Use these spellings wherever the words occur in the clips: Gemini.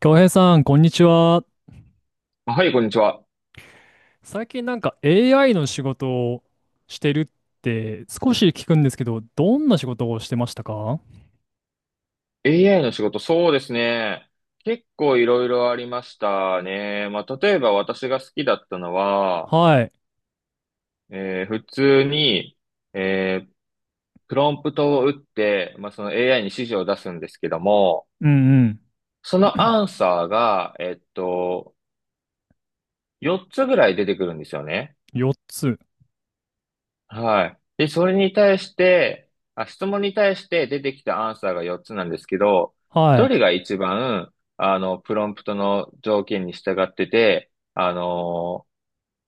京平さん、こんにちは。はい、こんにちは。最近AI の仕事をしてるって少し聞くんですけど、どんな仕事をしてましたか？ AI の仕事、そうですね。結構いろいろありましたね。まあ、例えば私が好きだったのは、はい。普通に、えープロンプトを打って、まあ、その AI に指示を出すんですけども、うんうん。そのアンサーが、4つぐらい出てくるんですよね。4つ。はい。で、それに対して、あ、質問に対して出てきたアンサーが4つなんですけど、はどい。れが一番、あの、プロンプトの条件に従ってて、あの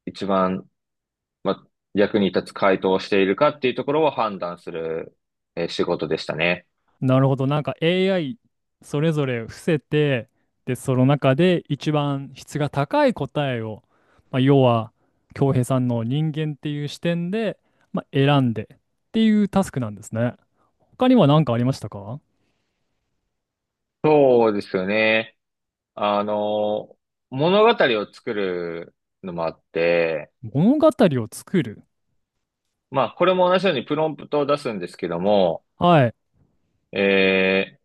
一番、ま、役に立つ回答をしているかっていうところを判断する、仕事でしたね。なるほど。AI それぞれ伏せて、で、その中で一番質が高い答えを、まあ、要は京平さんの人間っていう視点で、まあ、選んでっていうタスクなんですね。他には何かありましたか？そうですよね。あの、物語を作るのもあって、物語を作る。まあ、これも同じようにプロンプトを出すんですけども、はい。え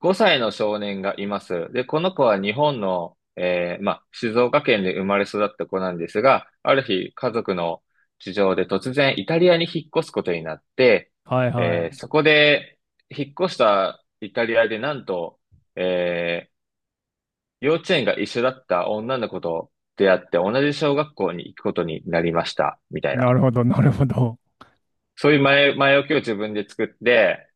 5歳の少年がいます。で、この子は日本の、まあ、静岡県で生まれ育った子なんですが、ある日、家族の事情で突然イタリアに引っ越すことになって、はいはい。そこで、引っ越したイタリアでなんと、えー幼稚園が一緒だった女の子と出会って同じ小学校に行くことになりました、みたいなな。るほど、なるほど。そういう前置きを自分で作って、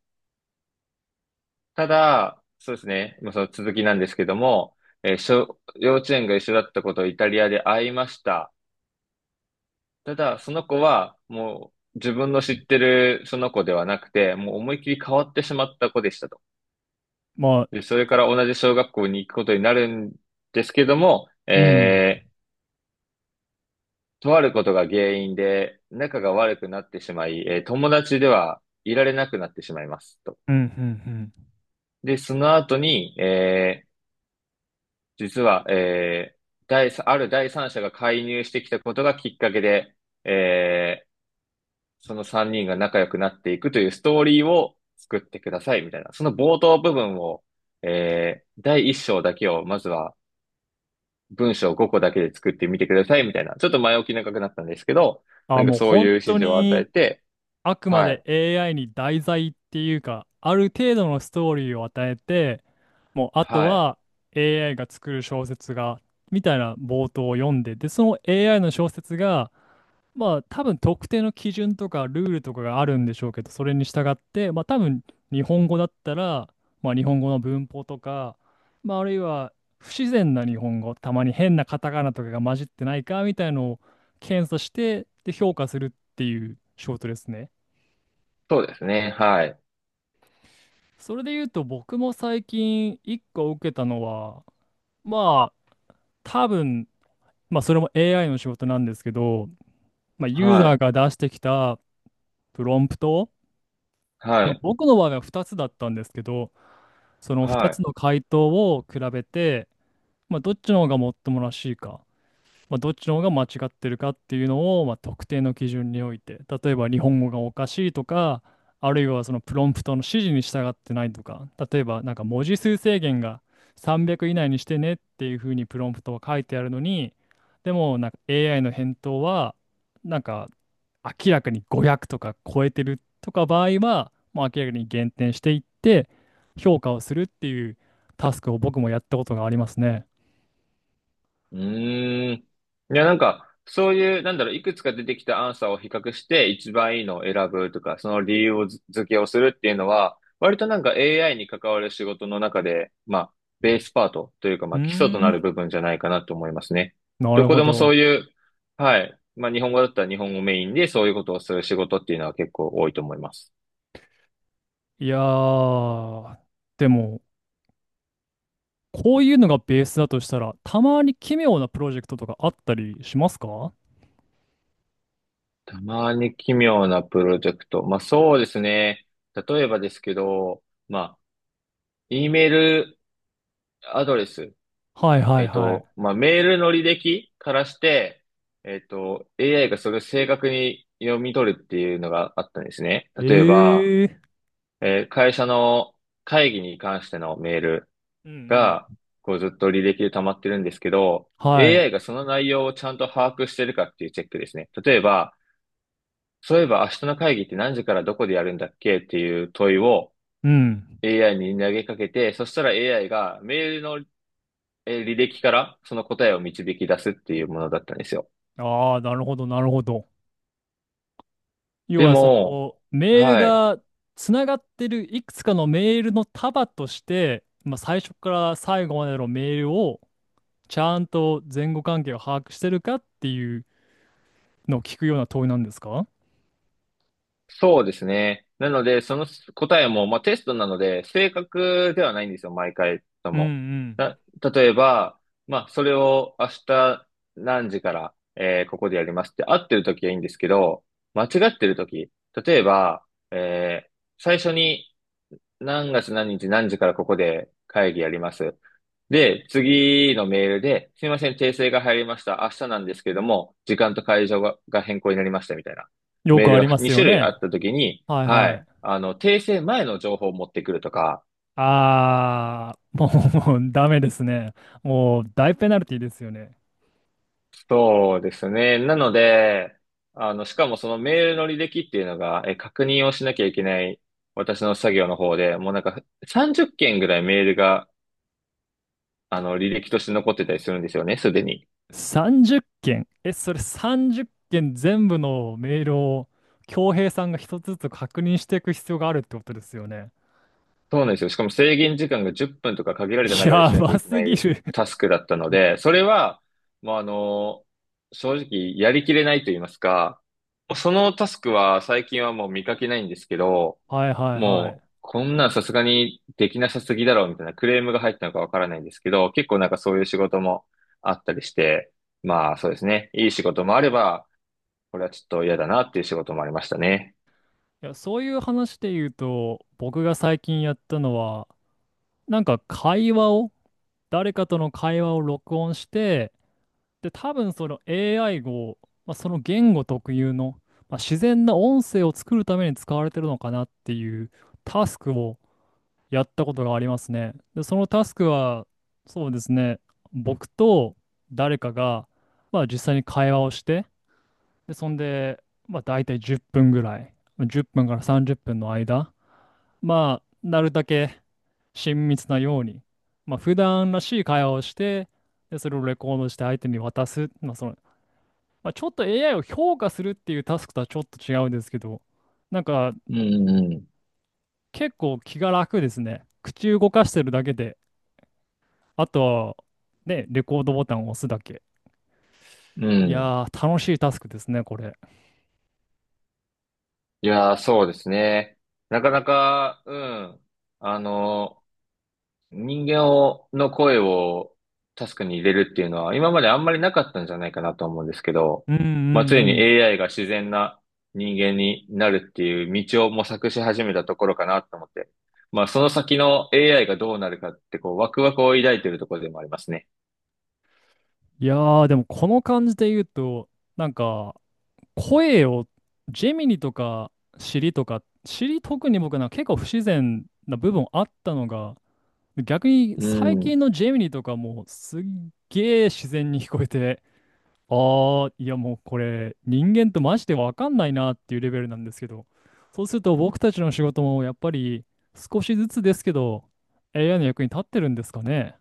ただ、そうですね。まあ、その続きなんですけども、えー小、幼稚園が一緒だったことをイタリアで会いました。ただ、その子はもう自分の知ってるその子ではなくて、もう思いっきり変わってしまった子でしたと。まあ、で、それから同じ小学校に行くことになるんですけども、うん。とあることが原因で仲が悪くなってしまい、友達ではいられなくなってしまいますと。うん、うん、うん。で、その後に、実は、えー第三、ある第三者が介入してきたことがきっかけで、えーその3人が仲良くなっていくというストーリーを作ってください、みたいな。その冒頭部分を、第一章だけを、まずは文章5個だけで作ってみてください、みたいな。ちょっと前置き長くなったんですけど、なあ、んかもうそういう本指当示を与えに、て、あくまはで い、AI に題材っていうか、ある程度のストーリーを与えて、もうあとはい、は AI が作る小説が、みたいな冒頭を読んで、で、その AI の小説が、まあ多分特定の基準とかルールとかがあるんでしょうけど、それに従って、まあ多分日本語だったら、まあ日本語の文法とか、まああるいは不自然な日本語、たまに変なカタカナとかが混じってないかみたいのを検査して、で評価するっていう仕事ですね。そうですね、はい、それで言うと僕も最近一個受けたのは、まあ多分、まあそれも AI の仕事なんですけど、まあユーはザーい、が出してきたプロンプト、はまあ、い、僕の場合は2つだったんですけど、その2はつい。の回答を比べて、まあ、どっちの方がもっともらしいか、まあ、どっちの方が間違ってるかっていうのを、まあ、特定の基準において、例えば日本語がおかしいとか、あるいはそのプロンプトの指示に従ってないとか、例えば文字数制限が300以内にしてねっていうふうにプロンプトは書いてあるのに、でもAI の返答はなんか明らかに500とか超えてるとか場合は、もう明らかに減点していって、評価をするっていうタスクを僕もやったことがありますね。うーん。いや、なんか、そういう、なんだろう、いくつか出てきたアンサーを比較して、一番いいのを選ぶとか、その理由をず付けをするっていうのは、割となんか AI に関わる仕事の中で、まあ、ベースパートというか、うまーあ、基礎となん、る部分じゃないかなと思いますね。などるこほでもそど。ういう、はい。まあ、日本語だったら日本語メインで、そういうことをする仕事っていうのは結構多いと思います。いやー、でも、こういうのがベースだとしたら、たまに奇妙なプロジェクトとかあったりしますか？はたまに奇妙なプロジェクト。まあ、そうですね。例えばですけど、まあ、E メールアドレス、いはいはい。まあ、メールの履歴からして、AI がそれを正確に読み取るっていうのがあったんですね。例えば、ええ。会社の会議に関してのメールうんが、うん。こうずっと履歴で溜まってるんですけど、はい。AI がその内容をちゃんと把握してるかっていうチェックですね。例えば、そういえば明日の会議って何時からどこでやるんだっけっていう問いを うん。AI に投げかけて、そしたら AI がメールの履歴からその答えを導き出すっていうものだったんですよ。ああ、なるほど、なるほど。要ではそも、のメールはい。がつながってるいくつかのメールの束として、まあ、最初から最後までのメールをちゃんと前後関係を把握してるかっていうのを聞くような問いなんですか？そうですね。なので、その答えも、まあ、テストなので、正確ではないんですよ、毎回とうんも。うん。な、例えば、まあ、それを明日何時から、ここでやりますって合ってる時はいいんですけど、間違ってる時、例えば、えー最初に何月何日何時からここで会議やります。で、次のメールで、すみません、訂正が入りました。明日なんですけども、時間と会場が変更になりましたみたいなよメーくルありがます2よ種類あね。ったときに、はいははい、い。あの、訂正前の情報を持ってくるとか、あー、もうダメですね。もう大ペナルティですよね。そうですね。なので、あの、しかもそのメールの履歴っていうのが、え、確認をしなきゃいけない私の作業の方で、もうなんか30件ぐらいメールが、あの、履歴として残ってたりするんですよね、すでに。30件。え、それ30件全部のメールを、恭平さんが一つずつ確認していく必要があるってことですよね。そうなんですよ。しかも制限時間が10分とか限られた中でやしなきゃばいけすなぎいる。タスクだったので、それは、もうあの、正直やりきれないと言いますか、そのタスクは最近はもう見かけないんですけど、はいはいはもうい。こんなんさすがにできなさすぎだろうみたいなクレームが入ったのかわからないんですけど、結構なんかそういう仕事もあったりして、まあそうですね。いい仕事もあれば、これはちょっと嫌だなっていう仕事もありましたね。いや、そういう話で言うと、僕が最近やったのは、会話を、誰かとの会話を録音して、で、多分その AI を、まあ、その言語特有の、まあ、自然な音声を作るために使われてるのかなっていうタスクをやったことがありますね。で、そのタスクは、そうですね、僕と誰かが、まあ、実際に会話をして、で、そんで、まあ、大体10分ぐらい、10分から30分の間、まあ、なるだけ親密なように、まあ、普段らしい会話をして、で、それをレコードして相手に渡す。まあ、その、まあ、ちょっと AI を評価するっていうタスクとはちょっと違うんですけど、なんか、うんうん結構気が楽ですね。口動かしてるだけで、あとは、ね、レコードボタンを押すだけ。うん。いうん。やー、楽しいタスクですね、これ。いやー、そうですね。なかなか、うん。あの、人間を、の声をタスクに入れるっていうのは、今まであんまりなかったんじゃないかなと思うんですけど、うんうんまあ、ついうに ん。AI が自然な人間になるっていう道を模索し始めたところかなと思って。まあ、その先の AI がどうなるかって、こう、ワクワクを抱いてるところでもありますね。いやー、でもこの感じで言うと、なんか、声を、ジェミニとか、シリとか、シリ特に僕結構不自然な部分あったのが、逆にう最ん。近のジェミニとかもすっげー自然に聞こえて、あー、いやもうこれ人間とマジでわかんないなっていうレベルなんですけど、そうすると僕たちの仕事もやっぱり少しずつですけど、AI の役に立ってるんですかね。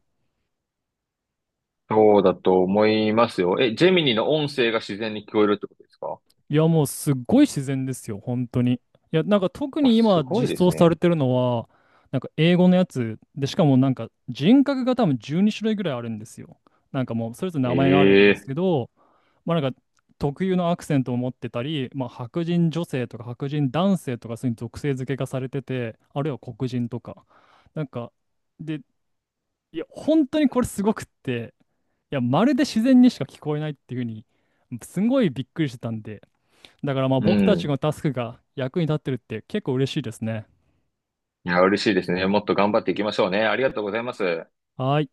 そうだと思いますよ。え、ジェミニの音声が自然に聞こえるってことですか？いや、もうすっごい自然ですよ、本当に。いや、特あ、にす今ごい実です装されね。てるのは、英語のやつで、しかも人格が多分12種類ぐらいあるんですよ。なんかもうそれぞれ名前があるんですええ。けど、まあ特有のアクセントを持ってたり、まあ白人女性とか白人男性とかそういう属性付けがされてて、あるいは黒人とか。なんか、で、いや、本当にこれすごくって、いや、まるで自然にしか聞こえないっていうふうに、すごいびっくりしてたんで、だからまあう僕たちん。のタスクが役に立ってるって結構嬉しいですね。いや、嬉しいですね。もっと頑張っていきましょうね。ありがとうございます。はい。